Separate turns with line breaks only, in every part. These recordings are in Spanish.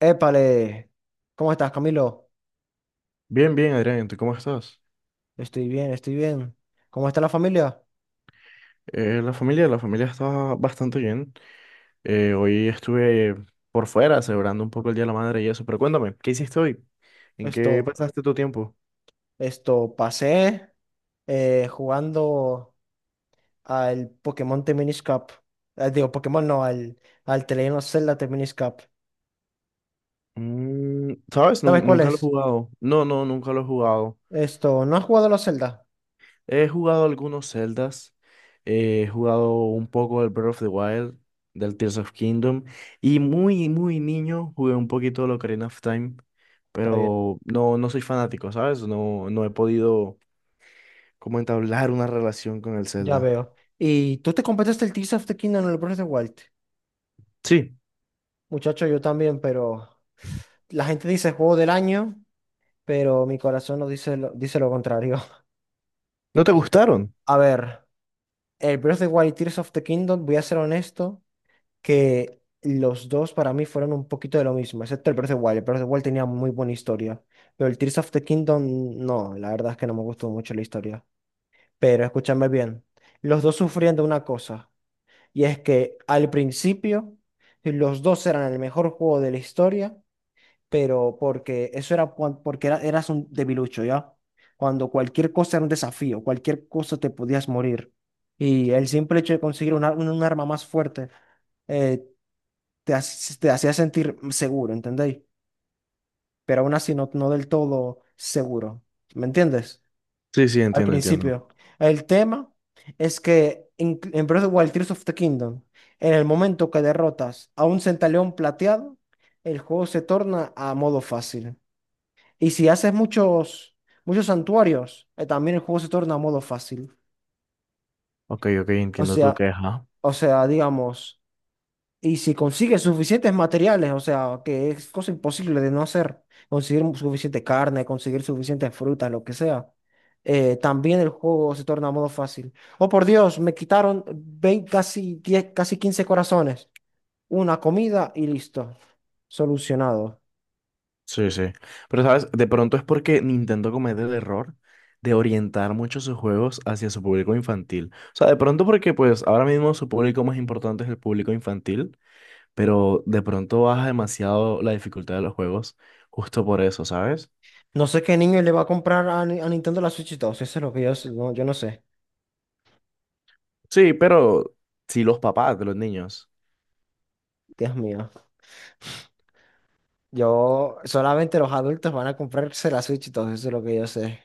Épale, ¿cómo estás, Camilo?
Bien, bien, Adrián, ¿tú cómo estás?
Estoy bien, estoy bien. ¿Cómo está la familia?
La familia, la familia está bastante bien. Hoy estuve por fuera celebrando un poco el Día de la Madre y eso, pero cuéntame, ¿qué hiciste hoy? ¿En
Esto,
qué pasaste tu tiempo?
pasé jugando al Pokémon Teminis Cup. Digo, Pokémon no, al The Legend of Zelda Teminis Cup.
Mm, ¿sabes?
¿Sabes cuál
Nunca lo he
es?
jugado. No, no, nunca lo he jugado.
¿No has jugado a la Zelda?
He jugado algunos Zeldas, he jugado un poco del Breath of the Wild, del Tears of Kingdom, y muy, muy niño jugué un poquito de Ocarina of Time,
Está bien,
pero no, no soy fanático, ¿sabes? No, no he podido cómo entablar una relación con el
ya
Zelda.
veo. ¿Y tú te completaste el Tears of the Kingdom en el Breath of the Wild?
Sí,
Muchacho, yo también, pero la gente dice juego del año, pero mi corazón no dice lo, dice lo contrario.
¿no te
Hostia.
gustaron?
A ver, el Breath of the Wild y Tears of the Kingdom, voy a ser honesto, que los dos para mí fueron un poquito de lo mismo, excepto el Breath of the Wild. El Breath of the Wild tenía muy buena historia, pero el Tears of the Kingdom, no, la verdad es que no me gustó mucho la historia. Pero escúchame bien, los dos sufrían de una cosa, y es que al principio los dos eran el mejor juego de la historia, pero porque eso era eras un debilucho, ¿ya? Cuando cualquier cosa era un desafío, cualquier cosa te podías morir. Y el simple hecho de conseguir un arma más fuerte eh, te hacía sentir seguro, ¿entendéis? Pero aún así no del todo seguro, ¿me entiendes?
Sí, sí,
Al
entiendo, entiendo.
principio. El tema es que en Breath of the Wild, Tears of the Kingdom, en el momento que derrotas a un centaleón plateado, el juego se torna a modo fácil. Y si haces muchos, muchos santuarios, también el juego se torna modo fácil.
Ok, ok,
O
entiendo tu
sea,
queja.
o sea, digamos, y si consigues suficientes materiales, o sea, que es cosa imposible de no hacer, conseguir suficiente carne, conseguir suficientes frutas, lo que sea, también el juego se torna modo fácil. Oh, por Dios, me quitaron casi 10 casi 15 corazones, una comida y listo, solucionado.
Sí, sí. Pero, ¿sabes? De pronto es porque Nintendo comete el error de orientar mucho sus juegos hacia su público infantil. O sea, de pronto porque, pues, ahora mismo su público más importante es el público infantil, pero de pronto baja demasiado la dificultad de los juegos justo por eso, ¿sabes?
No sé qué niño le va a comprar a, Ni- a Nintendo la Switch 2, eso es lo que yo, no, yo no sé.
Sí, pero sí los papás de los niños.
Dios mío. Yo, solamente los adultos van a comprarse la Switch y todo eso es lo que yo sé.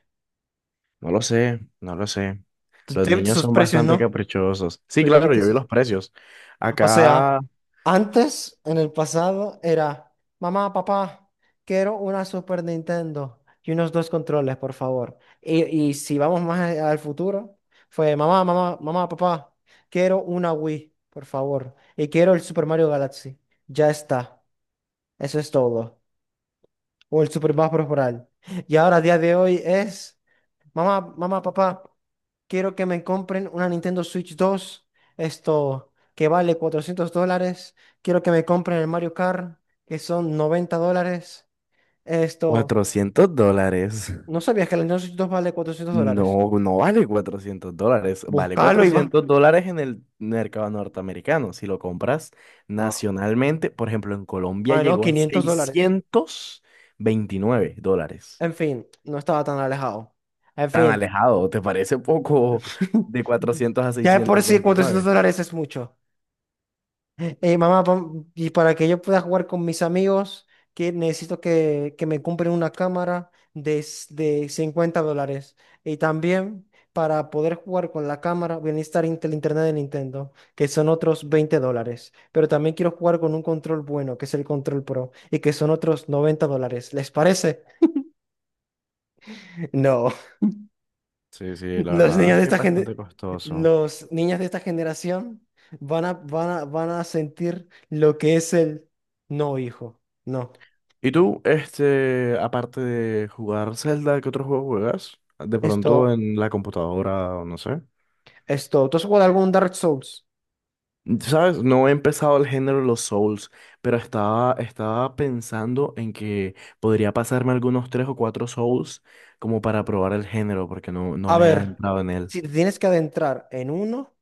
No lo sé, no lo sé.
Tú
Los
ya viste
niños
sus
son
precios,
bastante
¿no?
caprichosos. Sí,
Tú ya
claro,
viste
yo vi
sus.
los precios.
O sea,
Acá,
antes, en el pasado, era, mamá, papá, quiero una Super Nintendo y unos dos controles, por favor. Y si vamos más al futuro, fue, mamá, mamá, mamá, papá, quiero una Wii, por favor. Y quiero el Super Mario Galaxy. Ya está. Eso es todo. O el Super Mario Bros. Y ahora, a día de hoy, es. Mamá, mamá, papá, quiero que me compren una Nintendo Switch 2, esto que vale $400. Quiero que me compren el Mario Kart, que son $90. Esto,
$400.
¿No sabías que la Nintendo Switch 2 vale $400?
No, no vale $400. Vale
Búscalo y va.
400 dólares en el mercado norteamericano. Si lo compras
Ah,
nacionalmente, por ejemplo, en Colombia
ah, no,
llegó a
$500.
$629.
En fin, no estaba tan alejado. En
Tan
fin,
alejado, ¿te parece poco de 400 a
ya de por
seiscientos
sí 400
veintinueve?
dólares es mucho. Mamá, y para que yo pueda jugar con mis amigos, que necesito que me compren una cámara de $50. Y también para poder jugar con la cámara, voy a necesitar el internet de Nintendo, que son otros $20. Pero también quiero jugar con un control bueno, que es el Control Pro, y que son otros $90. ¿Les parece? No.
Sí, sí, la
Los
verdad
niños
es
de
que es
esta
bastante
gente,
costoso.
los niños de esta generación van a sentir lo que es el no, hijo. No.
¿Y tú, este, aparte de jugar Zelda, qué otro juego juegas? De pronto
Esto,
en la computadora, o no sé.
esto. ¿Tú has jugado algún Dark Souls?
¿Sabes? No he empezado el género de los Souls, pero estaba pensando en que podría pasarme algunos tres o cuatro Souls como para probar el género, porque no, no
A
me ha
ver,
entrado en él.
si te tienes que adentrar en uno,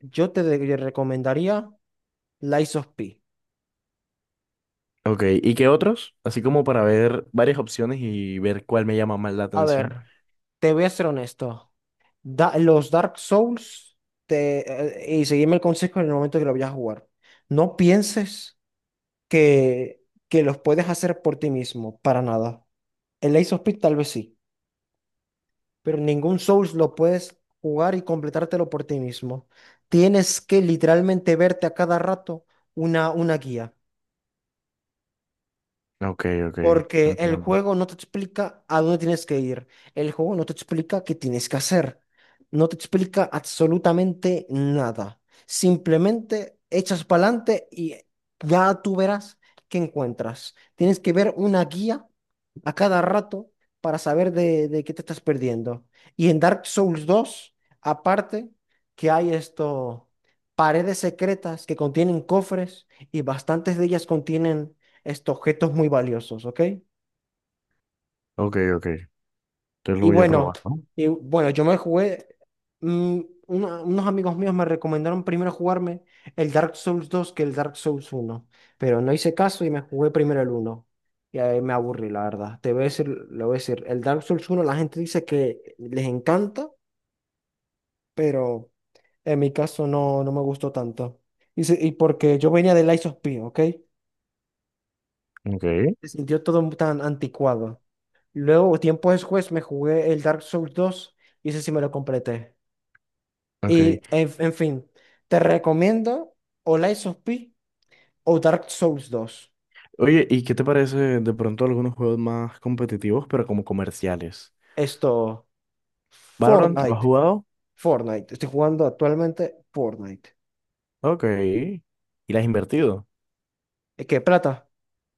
yo te recomendaría Lies of P.
Ok, ¿y qué otros? Así como para ver varias opciones y ver cuál me llama más la
A
atención.
ver, te voy a ser honesto. Los Dark Souls, y seguime el consejo en el momento que lo vayas a jugar. No pienses que, que los puedes hacer por ti mismo, para nada. El Ace of Spades tal vez sí, pero ningún Souls lo puedes jugar y completártelo por ti mismo. Tienes que literalmente verte a cada rato una guía,
Ok, ok,
porque el
entiendo.
juego no te explica a dónde tienes que ir, el juego no te explica qué tienes que hacer, no te explica absolutamente nada. Simplemente echas para adelante y ya tú verás qué encuentras. Tienes que ver una guía a cada rato para saber de qué te estás perdiendo. Y en Dark Souls 2 aparte, que hay paredes secretas que contienen cofres y bastantes de ellas contienen estos objetos muy valiosos, ¿ok?
Ok, ok. Entonces lo
Y
voy a
bueno,
probar, ¿no?
y bueno, yo me jugué, mm, unos amigos míos me recomendaron primero jugarme el Dark Souls 2 que el Dark Souls uno, pero no hice caso y me jugué primero el uno. Y ahí me aburrí, la verdad. Te voy a decir, lo voy a decir, el Dark Souls uno la gente dice que les encanta, pero en mi caso no me gustó tanto. Y porque yo venía de Lies of P, ¿ok?
Ok.
Se sintió todo tan anticuado. Luego, tiempo después, me jugué el Dark Souls 2 y ese sí me lo completé.
Ok.
Y en fin, te recomiendo o Lies of P o Dark Souls dos.
Oye, ¿y qué te parece de pronto algunos juegos más competitivos, pero como comerciales?
Esto,
¿Valorant lo has
Fortnite,
jugado?
Fortnite. Estoy jugando actualmente Fortnite.
Ok. ¿Y le has invertido?
¿Y qué plata?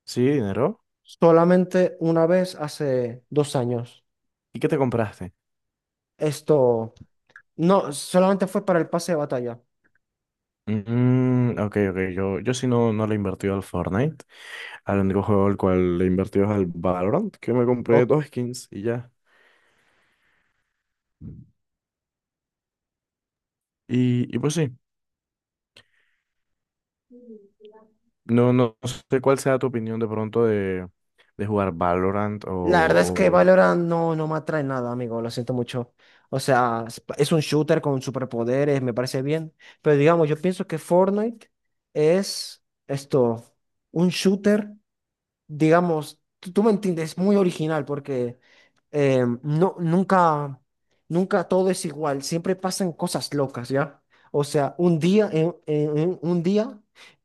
Sí, dinero.
Solamente una vez hace 2 años.
¿Y qué te compraste?
Esto, no, solamente fue para el pase de batalla.
Mm, ok, ok. Yo sí no, no le he invertido al Fortnite. Al único juego al cual le he invertido es al Valorant, que me compré dos skins y ya. Y pues sí, no, no sé cuál sea tu opinión de pronto de jugar Valorant
La verdad es que
o,
Valorant no me atrae nada, amigo, lo siento mucho. O sea, es un shooter con superpoderes, me parece bien. Pero digamos, yo pienso que Fortnite es un shooter, digamos, tú me entiendes, es muy original porque no, nunca todo es igual, siempre pasan cosas locas, ¿ya? O sea, un día, en un día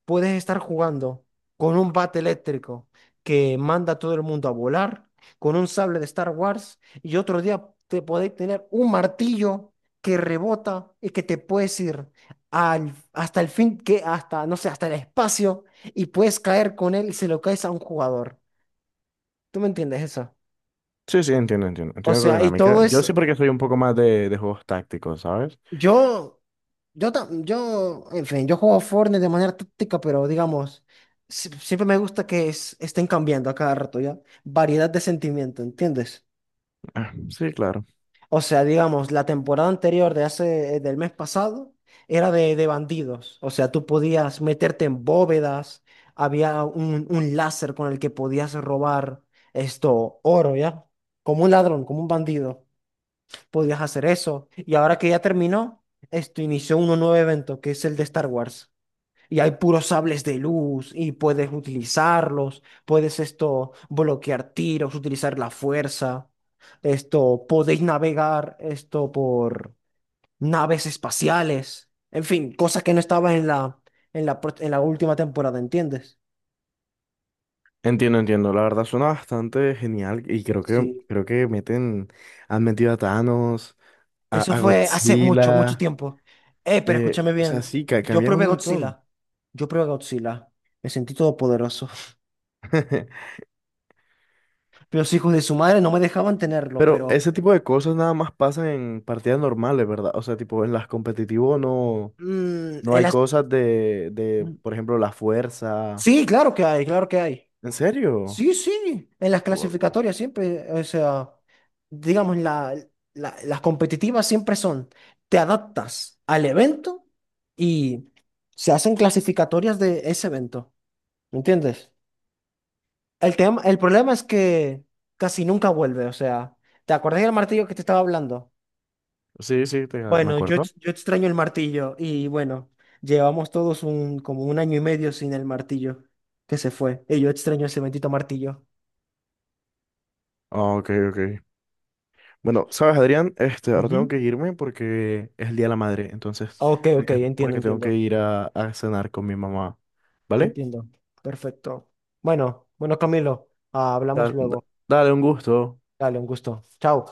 puedes estar jugando con un bate eléctrico que manda a todo el mundo a volar, con un sable de Star Wars, y otro día te podéis tener un martillo que rebota y que te puedes ir al, hasta el fin, que hasta, no sé, hasta el espacio y puedes caer con él y se lo caes a un jugador. ¿Tú me entiendes eso?
Sí, sí, entiendo, entiendo.
O
Entiendo tu
sea, y
dinámica.
todo
Yo
es,
sí porque soy un poco más de juegos tácticos, ¿sabes?
yo, en fin, yo juego Fortnite de manera táctica, pero digamos, siempre me gusta que estén cambiando a cada rato, ¿ya? Variedad de sentimiento, ¿entiendes?
Ah, sí, claro.
O sea, digamos, la temporada anterior de hace, del mes pasado era de bandidos. O sea, tú podías meterte en bóvedas, había un láser con el que podías robar oro, ¿ya? Como un ladrón, como un bandido, podías hacer eso. Y ahora que ya terminó, esto inició un nuevo evento, que es el de Star Wars. Y hay puros sables de luz y puedes utilizarlos, puedes esto bloquear tiros, utilizar la fuerza, esto podéis navegar esto por naves espaciales, en fin, cosas que no estaban en la en la última temporada, ¿entiendes?
Entiendo, entiendo. La verdad suena bastante genial y
Sí,
creo que meten, han metido a Thanos,
eso
a
fue hace mucho, mucho
Godzilla,
tiempo. Pero escúchame
o sea,
bien,
sí,
yo
cambian un
probé
montón.
Godzilla, yo probé Godzilla, me sentí todopoderoso. Los hijos de su madre no me dejaban tenerlo,
Pero
pero
ese tipo de cosas nada más pasan en partidas normales, ¿verdad? O sea, tipo en las competitivos no, no
en
hay
las.
cosas de, por ejemplo, la fuerza.
Sí, claro que hay, claro que hay.
¿En serio?
Sí, sí, en las
Wow.
clasificatorias siempre, o sea, digamos, las competitivas siempre son, te adaptas al evento y se hacen clasificatorias de ese evento, ¿me entiendes? El tema, el problema es que casi nunca vuelve, o sea, ¿te acordás del martillo que te estaba hablando?
Sí, sí, me
Bueno, yo,
acuerdo.
yo extraño el martillo y bueno, llevamos todos como un año y medio sin el martillo que se fue y yo extraño ese bendito martillo.
Ah, ok, ok. Bueno, sabes, Adrián, este, ahora tengo
Ujú.
que irme porque es el Día de la Madre, entonces,
Ok,
te
ok,
dejo
entiendo,
porque tengo que
entiendo,
ir a cenar con mi mamá, ¿vale?
entiendo. Perfecto. Bueno, bueno, Camilo, ah, hablamos
Da- da-
luego.
Dale, un gusto.
Dale, un gusto. Chao.